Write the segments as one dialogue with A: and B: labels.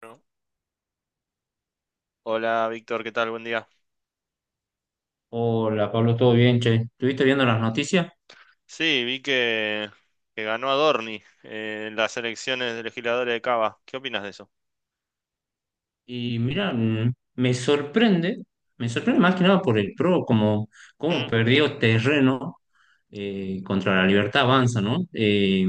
A: Bueno, hola Víctor, ¿qué tal? Buen día.
B: Hola, Pablo, ¿todo bien, che? Estuviste viendo las noticias
A: Sí, vi que ganó Adorni en las elecciones de legisladores de Cava. ¿Qué opinas de eso?
B: y mira, me sorprende más que nada por el PRO, como, como
A: ¿Mm?
B: perdió terreno contra la Libertad Avanza, ¿no? Eh,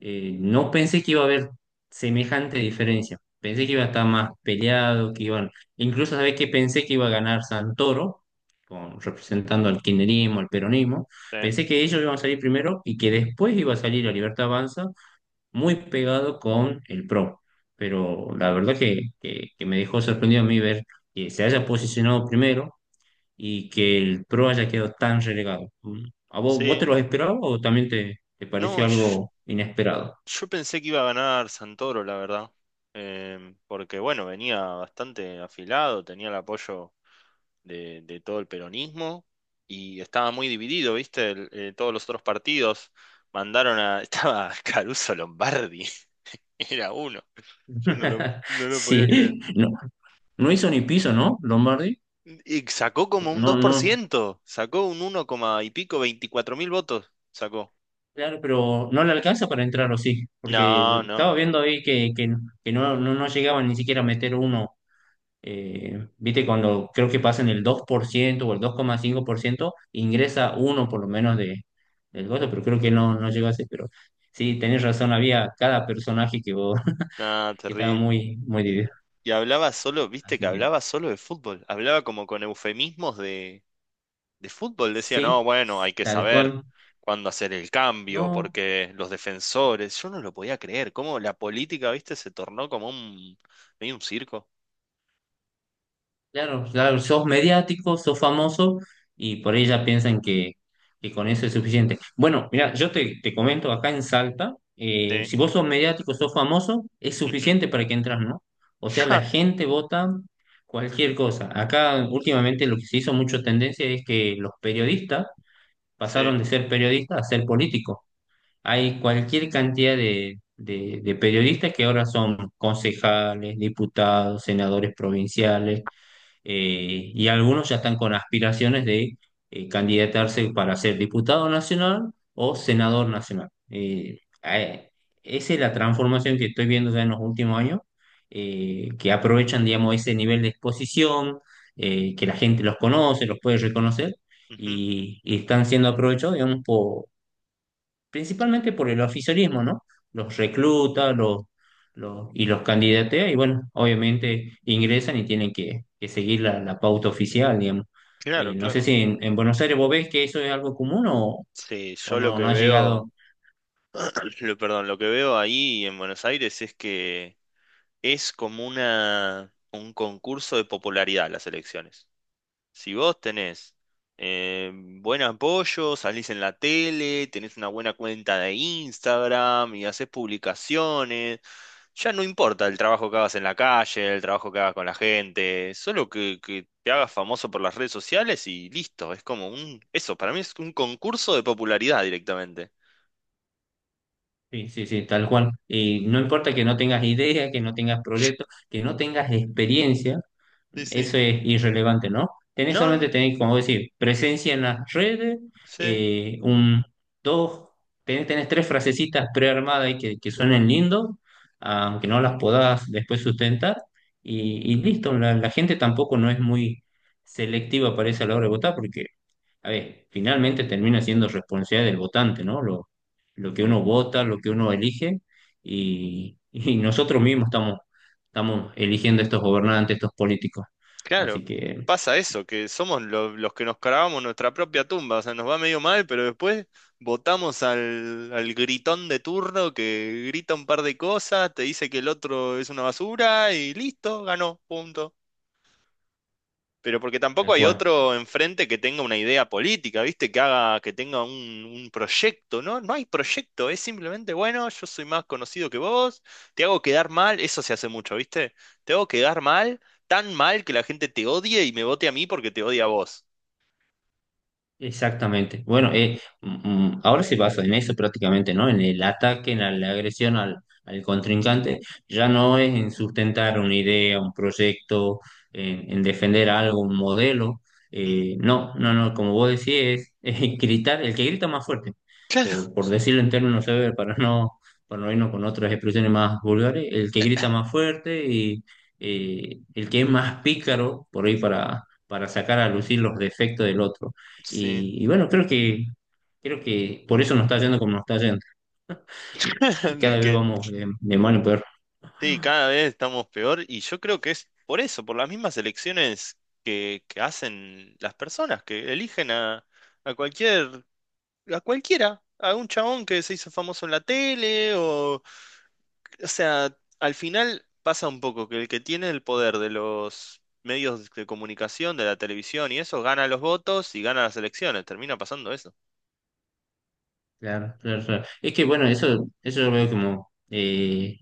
B: eh, No pensé que iba a haber semejante diferencia, pensé que iba a estar más peleado, que iban, incluso, ¿sabés que pensé que iba a ganar Santoro, con, representando al kirchnerismo, al peronismo,
A: Sí.
B: pensé que ellos iban a salir primero y que después iba a salir la Libertad Avanza muy pegado con el Pro, pero la verdad que, que me dejó sorprendido a mí ver que se haya posicionado primero y que el Pro haya quedado tan relegado. ¿A vos, vos
A: Sí.
B: te lo esperabas o también te
A: No,
B: pareció
A: yo,
B: algo inesperado?
A: yo pensé que iba a ganar Santoro, la verdad. Porque, bueno, venía bastante afilado, tenía el apoyo de todo el peronismo y estaba muy dividido, ¿viste? Todos los otros partidos mandaron a... Estaba Caruso Lombardi, era uno. Yo no lo podía creer.
B: Sí, no, no hizo ni piso, ¿no? Lombardi.
A: Y sacó como un
B: No,
A: dos por
B: no,
A: ciento sacó un uno coma y pico, 24.000 votos, sacó.
B: claro, pero no le alcanza para entrar o sí, porque
A: No,
B: estaba
A: no,
B: viendo ahí que no, no, no llegaba ni siquiera a meter uno viste, cuando creo que pasan el 2% o el 2.5% ingresa uno por lo menos de, del gozo, pero creo que no, no llegó a ser, pero sí, tenés razón, había cada personaje que.
A: no,
B: Que estaba
A: terrible.
B: muy, muy dividido.
A: Y hablaba solo, viste que
B: Así que
A: hablaba solo de fútbol, hablaba como con de fútbol, decía, no,
B: sí,
A: bueno, hay que
B: tal
A: saber
B: cual.
A: cuándo hacer el cambio,
B: No,
A: porque los defensores, yo no lo podía creer, cómo la política, viste, se tornó como medio un circo.
B: claro, claro, sos mediático, sos famoso y por ahí ya piensan que con eso es suficiente. Bueno, mira, yo te, te comento acá en Salta,
A: Sí,
B: si vos sos mediático, sos famoso, es
A: ujú.
B: suficiente para que entras, ¿no? O sea, la
A: Ja,
B: gente vota cualquier cosa. Acá últimamente lo que se hizo mucho tendencia es que los periodistas
A: sí,
B: pasaron de ser periodistas a ser políticos. Hay cualquier cantidad de, de periodistas que ahora son concejales, diputados, senadores provinciales y algunos ya están con aspiraciones de candidatarse para ser diputado nacional o senador nacional. Esa es la transformación que estoy viendo ya en los últimos años, que aprovechan, digamos, ese nivel de exposición, que la gente los conoce, los puede reconocer,
A: ujú.
B: y están siendo aprovechados, digamos, principalmente por el oficialismo, ¿no? Los recluta, los, y los candidatea, y bueno, obviamente ingresan y tienen que seguir la, la pauta oficial, digamos.
A: Claro,
B: No sé
A: claro.
B: si en, en Buenos Aires vos ves que eso es algo común
A: Sí,
B: o
A: yo lo
B: no, no
A: que
B: ha
A: veo...
B: llegado.
A: Lo, perdón, lo que veo ahí en Buenos Aires es que es como un concurso de popularidad las elecciones. Si vos tenés buen apoyo, salís en la tele, tenés una buena cuenta de Instagram y haces publicaciones, ya no importa el trabajo que hagas en la calle, el trabajo que hagas con la gente, solo que te hagas famoso por las redes sociales y listo. Es como eso, para mí es un concurso de popularidad directamente.
B: Sí, sí, sí, tal cual. Y no importa que no tengas idea, que no tengas proyectos, que no tengas experiencia.
A: Sí, sí.
B: Eso es irrelevante, ¿no? Tenés
A: No,
B: solamente,
A: no,
B: tenés, como decir, presencia en las redes,
A: sí.
B: un, dos, tenés, tenés tres frasecitas prearmadas y que suenen lindo, aunque no las podás después sustentar, y listo, la gente tampoco no es muy selectiva, parece, a la hora de votar, porque, a ver, finalmente termina siendo responsabilidad del votante, ¿no? Lo que uno vota, lo que uno elige, y nosotros mismos estamos eligiendo estos gobernantes, estos políticos. Así
A: Claro,
B: que,
A: pasa eso, que somos los que nos cavamos nuestra propia tumba, o sea, nos va medio mal, pero después votamos al gritón de turno que grita un par de cosas, te dice que el otro es una basura y listo, ganó, punto. Pero porque tampoco
B: tal
A: hay
B: cual.
A: otro enfrente que tenga una idea política, ¿viste? Que haga, que tenga un proyecto, ¿no? No hay proyecto, es simplemente, bueno, yo soy más conocido que vos, te hago quedar mal, eso se hace mucho, ¿viste? Te hago quedar mal, tan mal que la gente te odie y me vote a mí porque te odia a vos.
B: Exactamente. Bueno, ahora se basa en eso prácticamente, ¿no? En el ataque, en la, la agresión al, al contrincante. Ya no es en sustentar una idea, un proyecto, en defender algo, un modelo.
A: Mm,
B: No, no, no, como vos decís, es, es gritar, el que grita más fuerte,
A: claro,
B: por decirlo en términos severos, para no irnos con otras expresiones más vulgares, el que grita más fuerte y el que es más pícaro, por ahí para sacar a lucir los defectos del otro.
A: sí.
B: Y bueno, creo que por eso nos está yendo como nos está yendo.
A: De
B: Cada vez
A: Que,
B: vamos de mal en peor.
A: sí, cada vez estamos peor y yo creo que es por eso, por las mismas elecciones que hacen las personas, que eligen a cualquier a cualquiera, a un chabón que se hizo famoso en la tele o sea, al final pasa un poco que el que tiene el poder de los medios de comunicación, de la televisión y eso, gana los votos y gana las elecciones, termina pasando eso.
B: Claro, claro, claro. Es que bueno, eso yo lo veo como,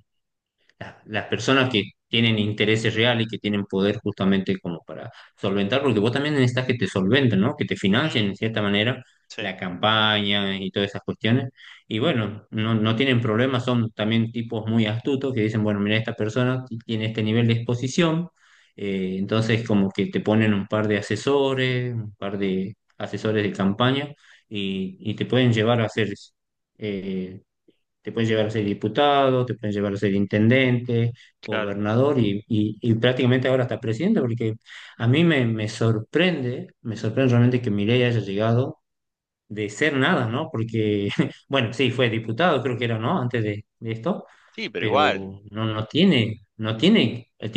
B: las personas que tienen intereses reales y que tienen poder justamente como para solventar, porque vos también necesitas que te solventen, ¿no? Que te financien
A: Mm,
B: en cierta manera
A: sí,
B: la campaña y todas esas cuestiones. Y bueno, no, no tienen problemas, son también tipos muy astutos que dicen, bueno, mira, esta persona tiene este nivel de exposición, entonces como que te ponen un par de asesores, un par de asesores de campaña y te pueden llevar a hacer eh, te pueden llegar a ser diputado, te pueden llegar a ser intendente,
A: claro.
B: gobernador y prácticamente ahora hasta presidente, porque a mí me, me sorprende realmente que Milei haya llegado de ser nada, ¿no? Porque, bueno, sí, fue diputado, creo que era, ¿no? Antes de esto,
A: Sí, pero igual.
B: pero no, no tiene, no tiene, el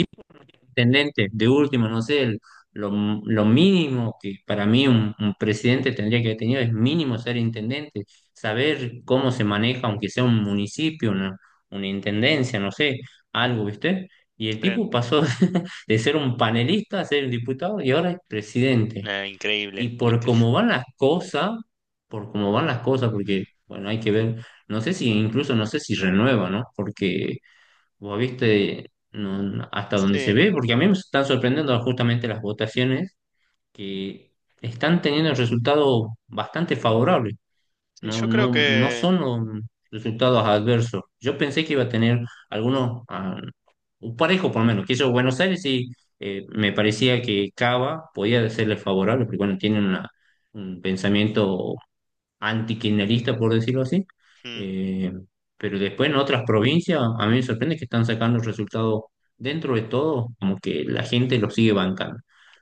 B: intendente, de último, no sé, lo, lo mínimo que para mí un presidente tendría que haber tenido es mínimo ser intendente, saber cómo se maneja, aunque sea un municipio, una intendencia, no sé, algo, ¿viste? Y el tipo
A: Sí.
B: pasó de ser un panelista a ser un diputado y ahora es presidente.
A: Nah, increíble,
B: Y por
A: increíble.
B: cómo van las cosas, por cómo van las cosas, porque, bueno, hay que ver, no sé si incluso, no sé si renueva, ¿no? Porque vos viste no, no, hasta donde se
A: Sí,
B: ve, porque a mí me están sorprendiendo justamente las votaciones que están teniendo resultados bastante favorables.
A: sí,
B: No,
A: yo creo
B: no, no
A: que
B: son um, resultados adversos. Yo pensé que iba a tener algunos, ah, un parejo por lo menos, que eso Buenos Aires sí me parecía que Cava podía serle favorable, porque bueno, un pensamiento antikirchnerista, por decirlo así.
A: mm,
B: Eh, pero después en otras provincias, a mí me sorprende que están sacando resultados dentro de todo, como que la gente lo sigue bancando.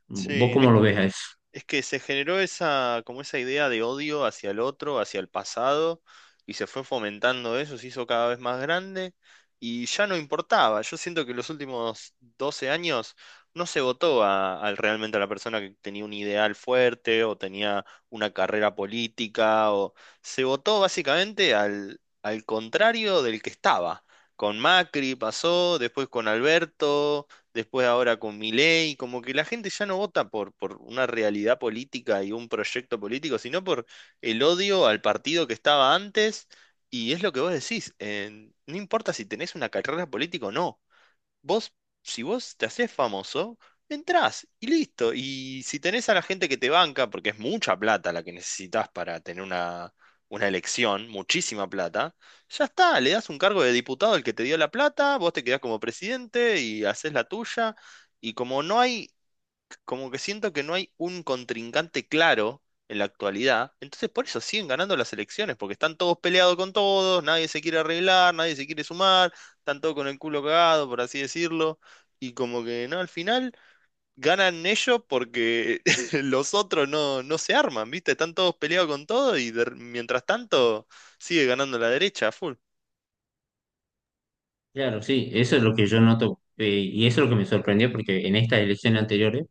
B: ¿Vos
A: sí.
B: cómo lo ves a eso?
A: Es que se generó esa, como esa idea de odio hacia el otro, hacia el pasado, y se fue fomentando eso, se hizo cada vez más grande, y ya no importaba. Yo siento que los últimos 12 años no se votó a realmente a la persona que tenía un ideal fuerte o tenía una carrera política, o se votó básicamente al contrario del que estaba. Con Macri pasó, después con Alberto, después ahora con Milei, como que la gente ya no vota por una realidad política y un proyecto político, sino por el odio al partido que estaba antes, y es lo que vos decís, no importa si tenés una carrera política o no. Vos, si vos te haces famoso, entrás y listo. Y si tenés a la gente que te banca, porque es mucha plata la que necesitas para tener una elección, muchísima plata, ya está, le das un cargo de diputado al que te dio la plata, vos te quedás como presidente y haces la tuya. Y como que siento que no hay un contrincante claro en la actualidad, entonces por eso siguen ganando las elecciones, porque están todos peleados con todos, nadie se quiere arreglar, nadie se quiere sumar, están todos con el culo cagado, por así decirlo, y como que no, al final ganan ellos porque los otros no, no se arman, ¿viste? Están todos peleados con todo y mientras tanto sigue ganando la derecha a full.
B: Claro, sí, eso es lo que yo noto, y eso es lo que me sorprendió, porque en estas elecciones anteriores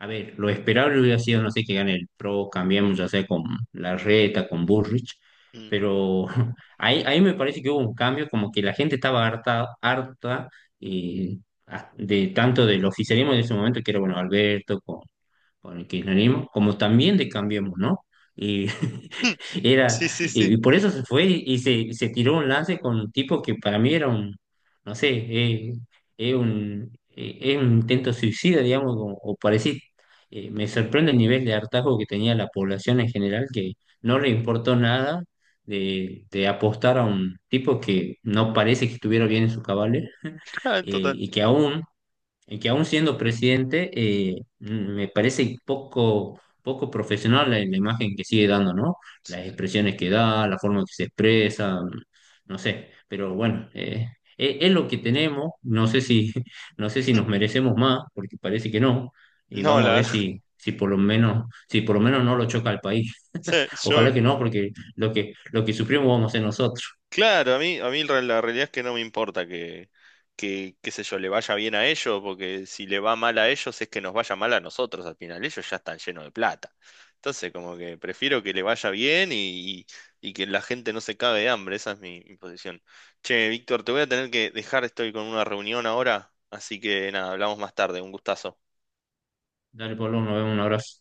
B: a ver, lo esperable hubiera sido, no sé, que gane el Pro, cambiamos ya sea con Larreta, con Burrich,
A: Mm.
B: pero ahí, ahí me parece que hubo un cambio, como que la gente estaba harta, harta eh, de tanto del oficialismo de ese momento, que era, bueno, Alberto, con el kirchnerismo, como también de Cambiemos, ¿no? Y era,
A: Sí, sí, sí.
B: y por eso se fue y se tiró un lance con un tipo que para mí era un, no sé, es un intento suicida, digamos, o parecido. Me sorprende el nivel de hartazgo que tenía la población en general, que no le importó nada de, de apostar a un tipo que no parece que estuviera bien en sus cabales eh,
A: Ah, en total.
B: y que aún y que aún siendo presidente, me parece poco, poco profesional la, la imagen que sigue dando, ¿no? Las expresiones que da, la forma en que se expresa, no sé, pero bueno, es, lo que tenemos, no sé si, no sé si nos merecemos más, porque parece que no, y
A: No,
B: vamos a
A: la
B: ver
A: verdad.
B: si... Si por lo menos, si por lo menos no lo choca al país.
A: Sí, yo
B: Ojalá que no, porque lo que sufrimos vamos a ser nosotros.
A: claro, a mí, la realidad es que no me importa que, qué sé yo, le vaya bien a ellos, porque si le va mal a ellos es que nos vaya mal a nosotros al final. Ellos ya están llenos de plata. Entonces, como que prefiero que le vaya bien y que la gente no se cague de hambre. Esa es mi posición. Che, Víctor, te voy a tener que dejar, estoy con una reunión ahora, así que nada, hablamos más tarde. Un gustazo.
B: Dale, Pablo, nos vemos, un abrazo.